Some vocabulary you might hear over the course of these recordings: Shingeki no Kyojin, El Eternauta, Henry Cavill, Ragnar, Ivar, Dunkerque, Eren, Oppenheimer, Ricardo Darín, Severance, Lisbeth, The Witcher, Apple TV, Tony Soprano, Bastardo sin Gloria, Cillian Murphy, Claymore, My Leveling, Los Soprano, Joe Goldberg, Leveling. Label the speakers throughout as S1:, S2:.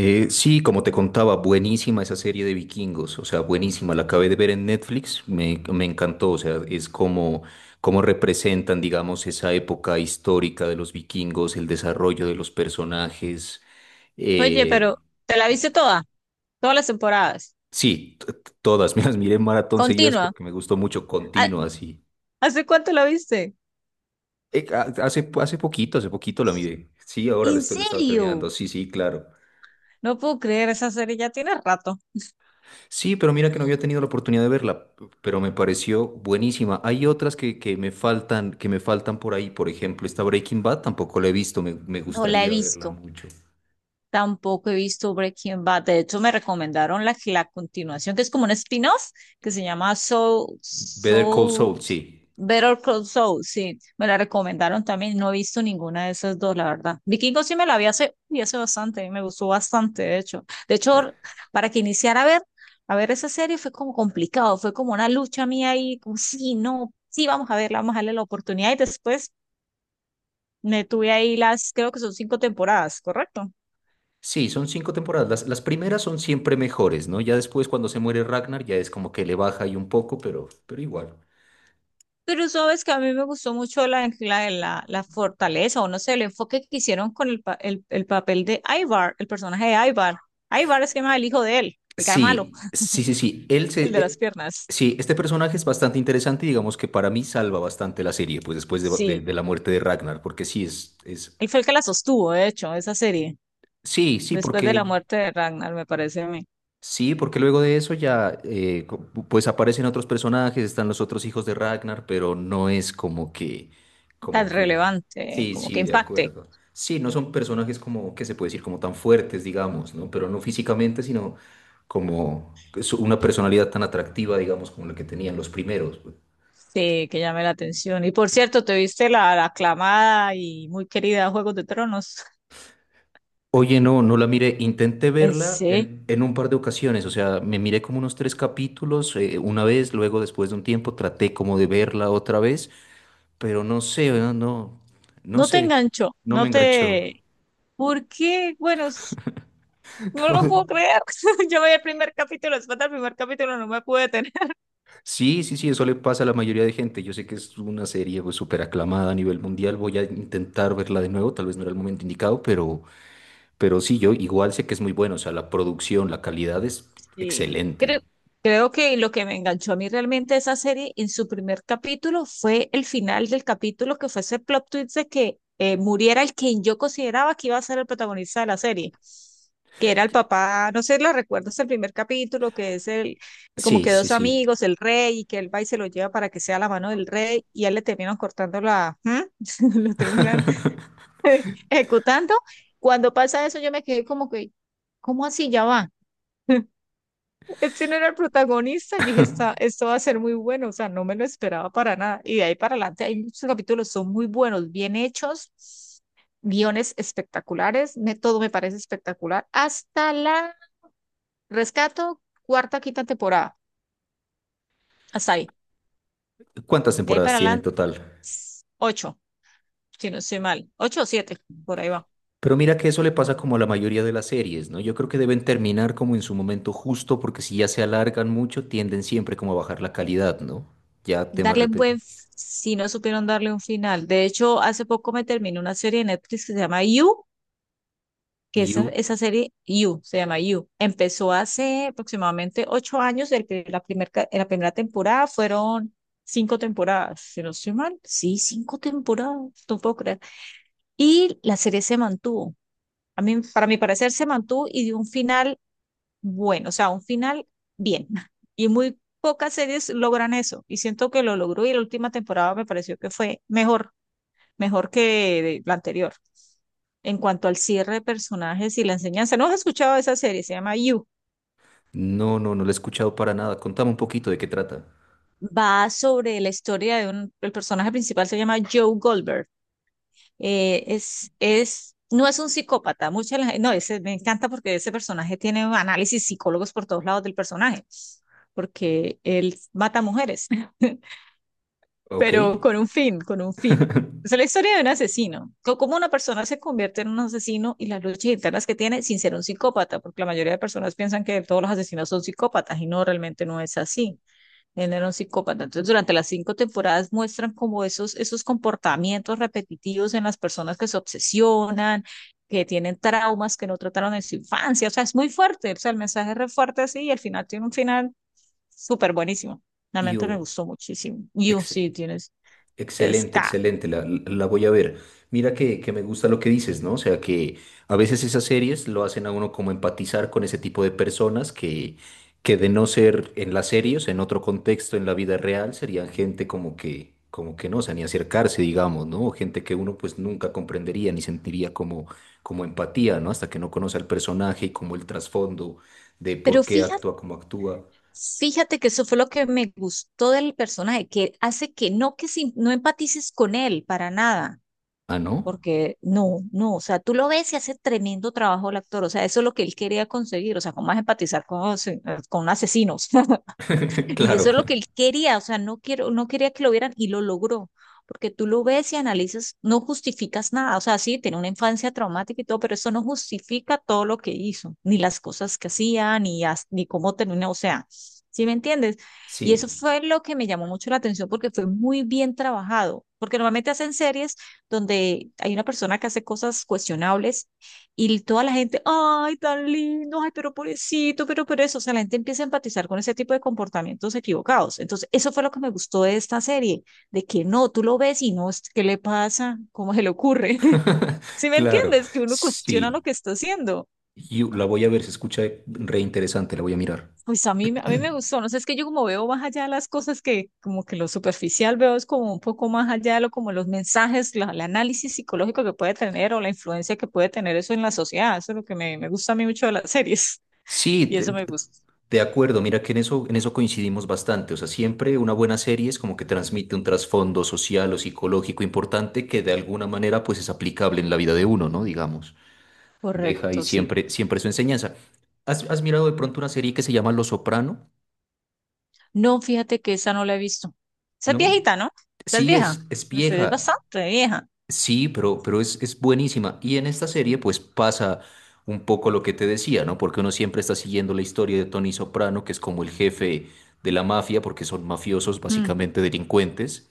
S1: Sí, como te contaba, buenísima esa serie de vikingos, o sea, buenísima, la acabé de ver en Netflix, me encantó, o sea, es como representan, digamos, esa época histórica de los vikingos, el desarrollo de los personajes.
S2: Oye,
S1: eh,
S2: pero te la viste toda, todas las temporadas.
S1: sí, todas, me las miré en maratón seguidas
S2: Continua.
S1: porque me gustó mucho,
S2: ¿Ha-
S1: continua, así.
S2: ¿Hace cuánto la viste?
S1: Hace poquito la miré, sí, ahora
S2: ¿En
S1: la estaba terminando,
S2: serio?
S1: sí, sí, claro.
S2: No puedo creer, esa serie ya tiene rato.
S1: Sí, pero mira que no había tenido la oportunidad de verla, pero me pareció buenísima. Hay otras que me faltan, que me faltan por ahí. Por ejemplo, esta Breaking Bad tampoco la he visto, me
S2: No la he
S1: gustaría verla
S2: visto.
S1: mucho.
S2: Tampoco he visto Breaking Bad. De hecho, me recomendaron la continuación, que es como un spin-off, que se llama
S1: Better Call Saul, sí.
S2: Better Call Saul. Sí, me la recomendaron también. No he visto ninguna de esas dos, la verdad. Vikingo sí me la vi y hace bastante, me gustó bastante, de hecho. De hecho, para que iniciara a ver esa serie fue como complicado, fue como una lucha mía ahí, como sí, no, sí, vamos a verla, vamos a darle la oportunidad. Y después me tuve ahí las, creo que son cinco temporadas, ¿correcto?
S1: Sí, son cinco temporadas. Las primeras son siempre mejores, ¿no? Ya después cuando se muere Ragnar ya es como que le baja ahí un poco, pero igual.
S2: Pero sabes que a mí me gustó mucho la fortaleza, o no sé, el enfoque que hicieron con el papel de Ivar, el personaje de Ivar. Ivar es que más el hijo de él, el cara malo,
S1: Sí, sí, sí, sí.
S2: el de las piernas.
S1: Sí, este personaje es bastante interesante y digamos que para mí salva bastante la serie, pues después de, de-
S2: Sí,
S1: de la muerte de Ragnar, porque sí es.
S2: él fue el que la sostuvo, de hecho, esa serie,
S1: Sí,
S2: después de la muerte de Ragnar, me parece a mí
S1: sí, porque luego de eso ya pues aparecen otros personajes, están los otros hijos de Ragnar, pero no es como que,
S2: tan
S1: como que,
S2: relevante,
S1: Sí,
S2: como que
S1: sí, de
S2: impacte,
S1: acuerdo. Sí, no son personajes como que se puede decir como tan fuertes, digamos, ¿no? Pero no físicamente, sino como que una personalidad tan atractiva, digamos, como la que tenían los primeros. Pues.
S2: sí, que llame la atención. Y por cierto, ¿te viste la aclamada y muy querida Juegos de Tronos?
S1: Oye, no, no la miré. Intenté
S2: En
S1: verla
S2: sí,
S1: en un par de ocasiones, o sea, me miré como unos tres capítulos una vez, luego después de un tiempo traté como de verla otra vez, pero no sé, no, no, no
S2: no te
S1: sé,
S2: enganchó,
S1: no me
S2: no
S1: enganchó.
S2: te... ¿Por qué? Bueno, no lo puedo creer. Yo veía el primer capítulo, después del primer capítulo no me pude detener.
S1: Sí, sí, sí, eso le pasa a la mayoría de gente. Yo sé que es una serie pues, súper aclamada a nivel mundial. Voy a intentar verla de nuevo, tal vez no era el momento indicado, pero sí, yo igual sé que es muy bueno. O sea, la producción, la calidad es
S2: Sí.
S1: excelente.
S2: Creo que lo que me enganchó a mí realmente esa serie en su primer capítulo fue el final del capítulo, que fue ese plot twist de que muriera el quien yo consideraba que iba a ser el protagonista de la serie, que era el papá, no sé, ¿lo recuerdas el primer capítulo? Que es el, como
S1: Sí,
S2: que
S1: sí,
S2: dos
S1: sí.
S2: amigos, el rey, y que él va y se lo lleva para que sea la mano del rey, y a él le terminan cortando la, ¿Mm? lo terminan ejecutando. Cuando pasa eso, yo me quedé como que, ¿cómo así ya va? Este no era el protagonista. Yo dije, esto va a ser muy bueno". O sea, no me lo esperaba para nada. Y de ahí para adelante hay muchos capítulos, son muy buenos, bien hechos, guiones espectaculares, me, todo me parece espectacular. Hasta la rescato, cuarta, quinta temporada. Hasta ahí.
S1: ¿Cuántas
S2: De ahí
S1: temporadas
S2: para
S1: tiene en
S2: adelante,
S1: total?
S2: ocho, si no estoy mal. Ocho o siete, por ahí va.
S1: Pero mira que eso le pasa como a la mayoría de las series, ¿no? Yo creo que deben terminar como en su momento justo, porque si ya se alargan mucho, tienden siempre como a bajar la calidad, ¿no? Ya temas
S2: Darle un buen,
S1: repetidos.
S2: si no supieron darle un final. De hecho, hace poco me terminó una serie de Netflix que se llama You, que esa,
S1: You,
S2: esa serie You, se llama You. Empezó hace aproximadamente 8 años, el pri- la, primer, ca- la primera temporada fueron cinco temporadas, si no estoy mal. Sí, cinco temporadas, no puedo creer. Y la serie se mantuvo. A mí, para mi parecer, se mantuvo y dio un final bueno, o sea, un final bien. Y muy pocas series logran eso. Y siento que lo logró y la última temporada me pareció que fue mejor, mejor que la anterior. En cuanto al cierre de personajes y la enseñanza, ¿no has escuchado esa serie? Se llama You.
S1: no, no, no lo he escuchado para nada. Contame un poquito de qué trata.
S2: Va sobre la historia de un, el personaje principal se llama Joe Goldberg. No es un psicópata, mucha no, ese, me encanta porque ese personaje tiene análisis psicólogos por todos lados del personaje, porque él mata mujeres.
S1: Ok.
S2: Pero con un fin, con un fin. O sea, la historia de un asesino, cómo una persona se convierte en un asesino y las luchas internas que tiene sin ser un psicópata, porque la mayoría de personas piensan que todos los asesinos son psicópatas y no, realmente no es así. Él era un psicópata. Entonces, durante las cinco temporadas muestran como esos, esos comportamientos repetitivos en las personas que se obsesionan, que tienen traumas que no trataron en su infancia. O sea, es muy fuerte. O sea, el mensaje es re fuerte así y al final tiene un final súper buenísimo. Realmente me
S1: You,
S2: gustó muchísimo. Y oh,
S1: ex-
S2: sí, tiene.
S1: excelente,
S2: Está.
S1: excelente, voy a ver. Mira que me gusta lo que dices, ¿no? O sea, que a veces esas series lo hacen a uno como empatizar con ese tipo de personas que de no ser en las series, en otro contexto, en la vida real, serían gente como que no, o sea, ni acercarse, digamos, ¿no? O gente que uno pues nunca comprendería ni sentiría como empatía, ¿no? Hasta que no conoce al personaje y como el trasfondo de por
S2: Pero
S1: qué
S2: fíjate,
S1: actúa como actúa.
S2: fíjate que eso fue lo que me gustó del personaje, que hace que no que no empatices con él para nada,
S1: Ah, ¿no?
S2: porque no, no, o sea, tú lo ves y hace tremendo trabajo el actor, o sea, eso es lo que él quería conseguir, o sea, cómo más empatizar con asesinos. Y
S1: Claro,
S2: eso es lo
S1: claro.
S2: que él quería, o sea, no quería que lo vieran y lo logró, porque tú lo ves y analizas, no justificas nada, o sea, sí, tiene una infancia traumática y todo, pero eso no justifica todo lo que hizo, ni las cosas que hacía, ni, ni cómo terminó, o sea, ¿sí me entiendes? Y eso
S1: Sí.
S2: fue lo que me llamó mucho la atención porque fue muy bien trabajado, porque normalmente hacen series donde hay una persona que hace cosas cuestionables y toda la gente, ay, tan lindo, ay, pero pobrecito, pero eso. O sea, la gente empieza a empatizar con ese tipo de comportamientos equivocados. Entonces, eso fue lo que me gustó de esta serie, de que no, tú lo ves y no, ¿qué le pasa? ¿Cómo se le ocurre? ¿Sí me
S1: Claro,
S2: entiendes? Que uno cuestiona lo
S1: sí.
S2: que está haciendo.
S1: Yo la voy a ver, se escucha re interesante, la voy a mirar.
S2: Pues a mí me gustó, no sé, es que yo como veo más allá de las cosas que como que lo superficial veo es como un poco más allá de lo como los mensajes, la, el análisis psicológico que puede tener o la influencia que puede tener eso en la sociedad, eso es lo que me gusta a mí mucho de las series.
S1: Sí,
S2: Y
S1: de,
S2: eso
S1: de-
S2: me gusta.
S1: de acuerdo, mira que en eso coincidimos bastante. O sea, siempre una buena serie es como que transmite un trasfondo social o psicológico importante que de alguna manera pues es aplicable en la vida de uno, ¿no? Digamos, deja ahí
S2: Correcto, sí.
S1: siempre, siempre su enseñanza. ¿Has mirado de pronto una serie que se llama Los Soprano?
S2: No, fíjate que esa no la he visto. Esa es
S1: ¿No?
S2: viejita, ¿no? Esa es
S1: Sí,
S2: vieja.
S1: es
S2: Esa es
S1: vieja.
S2: bastante vieja.
S1: Sí, pero es buenísima. Y en esta serie pues pasa un poco lo que te decía, ¿no? Porque uno siempre está siguiendo la historia de Tony Soprano, que es como el jefe de la mafia, porque son mafiosos,
S2: Mm,
S1: básicamente delincuentes.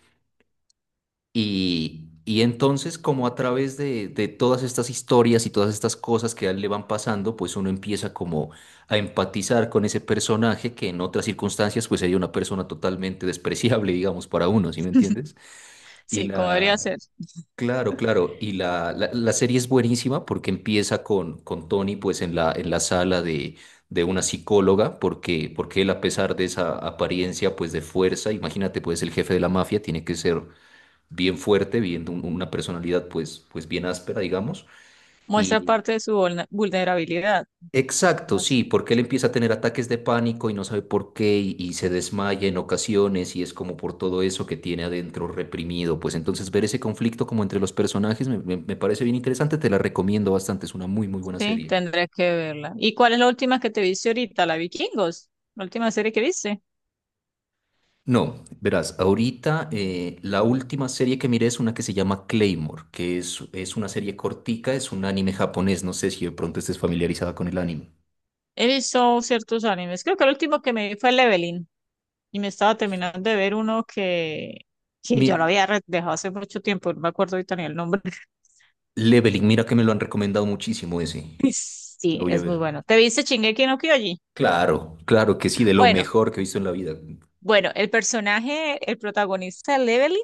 S1: Y entonces como a través de todas estas historias y todas estas cosas que a él le van pasando, pues uno empieza como a empatizar con ese personaje que en otras circunstancias pues sería una persona totalmente despreciable, digamos, para uno, ¿sí me entiendes? Y
S2: sí, como debería
S1: la,
S2: ser.
S1: Claro, claro. Y la serie es buenísima porque empieza con Tony pues en la sala de una psicóloga, porque él, a pesar de esa apariencia pues de fuerza, imagínate pues el jefe de la mafia tiene que ser bien fuerte, bien, una personalidad pues bien áspera digamos.
S2: Muestra parte de su vulnerabilidad.
S1: Exacto,
S2: Más.
S1: sí, porque él empieza a tener ataques de pánico y no sabe por qué y se desmaya en ocasiones y es como por todo eso que tiene adentro reprimido. Pues entonces ver ese conflicto como entre los personajes me parece bien interesante, te la recomiendo bastante, es una muy muy buena
S2: Sí,
S1: serie.
S2: tendré que verla. ¿Y cuál es la última que te viste ahorita? La Vikingos. La última serie que viste.
S1: No, verás, ahorita la última serie que miré es una que se llama Claymore, que es una serie cortica, es un anime japonés, no sé si de pronto estés familiarizada con el anime.
S2: He visto ciertos animes. Creo que el último que me vi fue Leveling. Y me estaba terminando de ver uno que
S1: Mi
S2: yo lo había dejado hace mucho tiempo. No me acuerdo ahorita ni el nombre.
S1: Leveling, mira que me lo han recomendado muchísimo ese, lo
S2: Sí,
S1: voy a
S2: es muy
S1: ver.
S2: bueno. ¿Te viste Shingeki no Kyojin?
S1: Claro, claro que sí, de lo
S2: Bueno,
S1: mejor que he visto en la vida.
S2: bueno, el personaje, el protagonista de Leveling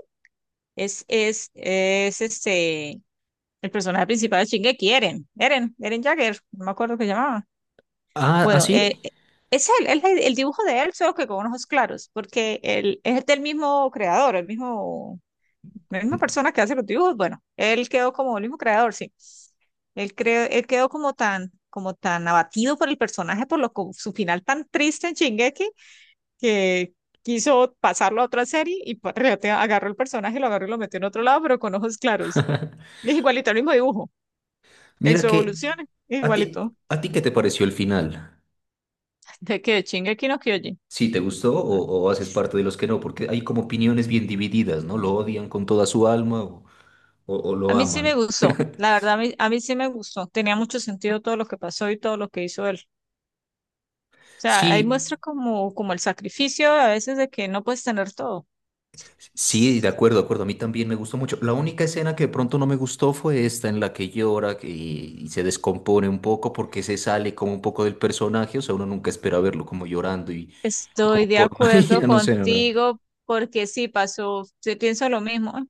S2: es este, el personaje principal de Shingeki, Eren Jagger, no me acuerdo qué llamaba.
S1: Ah, ¿ah,
S2: Bueno,
S1: sí?
S2: es él, es el, dibujo de él, solo que con ojos claros, porque él es del mismo creador, el mismo. La misma persona que hace los dibujos, bueno, él quedó como el mismo creador, sí. Él, él quedó como tan abatido por el personaje, por lo, su final tan triste en Shingeki, que quiso pasarlo a otra serie y agarró el personaje, lo agarró y lo metió en otro lado, pero con ojos claros. Es igualito, el mismo dibujo, en
S1: Mira
S2: su
S1: que,
S2: evolución,
S1: ¿a ti,
S2: igualito.
S1: a ti qué te pareció el final?
S2: De qué Shingeki no Kyojin.
S1: ¿Sí te gustó o haces parte de los que no? Porque hay como opiniones bien divididas, ¿no? ¿Lo odian con toda su alma o
S2: A
S1: lo
S2: mí sí me
S1: aman?
S2: gustó, la verdad, a mí sí me gustó. Tenía mucho sentido todo lo que pasó y todo lo que hizo él. O sea, ahí
S1: Sí,
S2: muestra como, como el sacrificio a veces de que no puedes tener todo.
S1: sí, de acuerdo, de acuerdo. A mí también me gustó mucho. La única escena que de pronto no me gustó fue esta en la que llora y se descompone un poco porque se sale como un poco del personaje. O sea, uno nunca espera verlo como llorando y como
S2: Estoy de
S1: por una
S2: acuerdo
S1: niña, no sé, no, no.
S2: contigo porque sí pasó, sí pienso lo mismo, ¿eh?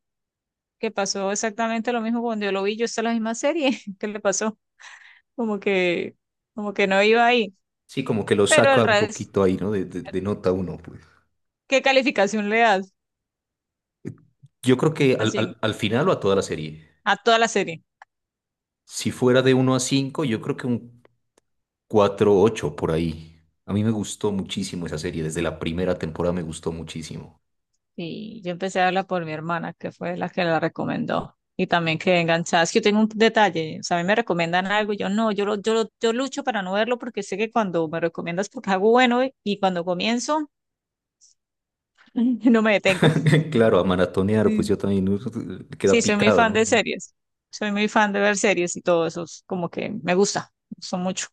S2: Que pasó exactamente lo mismo cuando yo lo vi, yo está la misma serie, ¿qué le pasó? Como que, como que no iba ahí.
S1: Sí, como que lo
S2: Pero el
S1: saca un
S2: resto,
S1: poquito ahí, ¿no? De nota uno, pues.
S2: ¿qué calificación le das
S1: Yo creo que al,
S2: así
S1: al, al final o a toda la serie,
S2: a toda la serie?
S1: si fuera de 1 a 5, yo creo que un 4,8 por ahí. A mí me gustó muchísimo esa serie. Desde la primera temporada me gustó muchísimo.
S2: Y yo empecé a verla por mi hermana, que fue la que la recomendó. Y también que enganchada. Es que yo tengo un detalle. O sea, a mí me recomiendan algo y yo no, yo, yo lucho para no verlo porque sé que cuando me recomiendas porque algo bueno y cuando comienzo, no me detengo.
S1: Claro, a maratonear, pues
S2: Sí,
S1: yo también queda
S2: sí, soy muy
S1: picado,
S2: fan
S1: ¿no?
S2: de series. Soy muy fan de ver series y todo eso. Es como que me gusta. Me gusta mucho.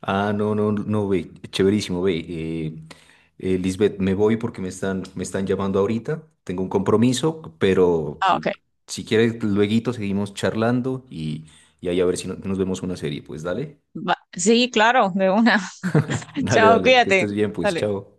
S1: Ah, no, no, no, ve, chéverísimo, ve. Lisbeth, me voy porque me están llamando ahorita, tengo un compromiso, pero
S2: Ah,
S1: eh,
S2: ok.
S1: si quieres, lueguito seguimos charlando y ahí a ver si nos vemos una serie, pues dale,
S2: Va. Sí, claro, de una.
S1: dale,
S2: Chao,
S1: dale, que
S2: cuídate.
S1: estés bien, pues
S2: Dale.
S1: chao.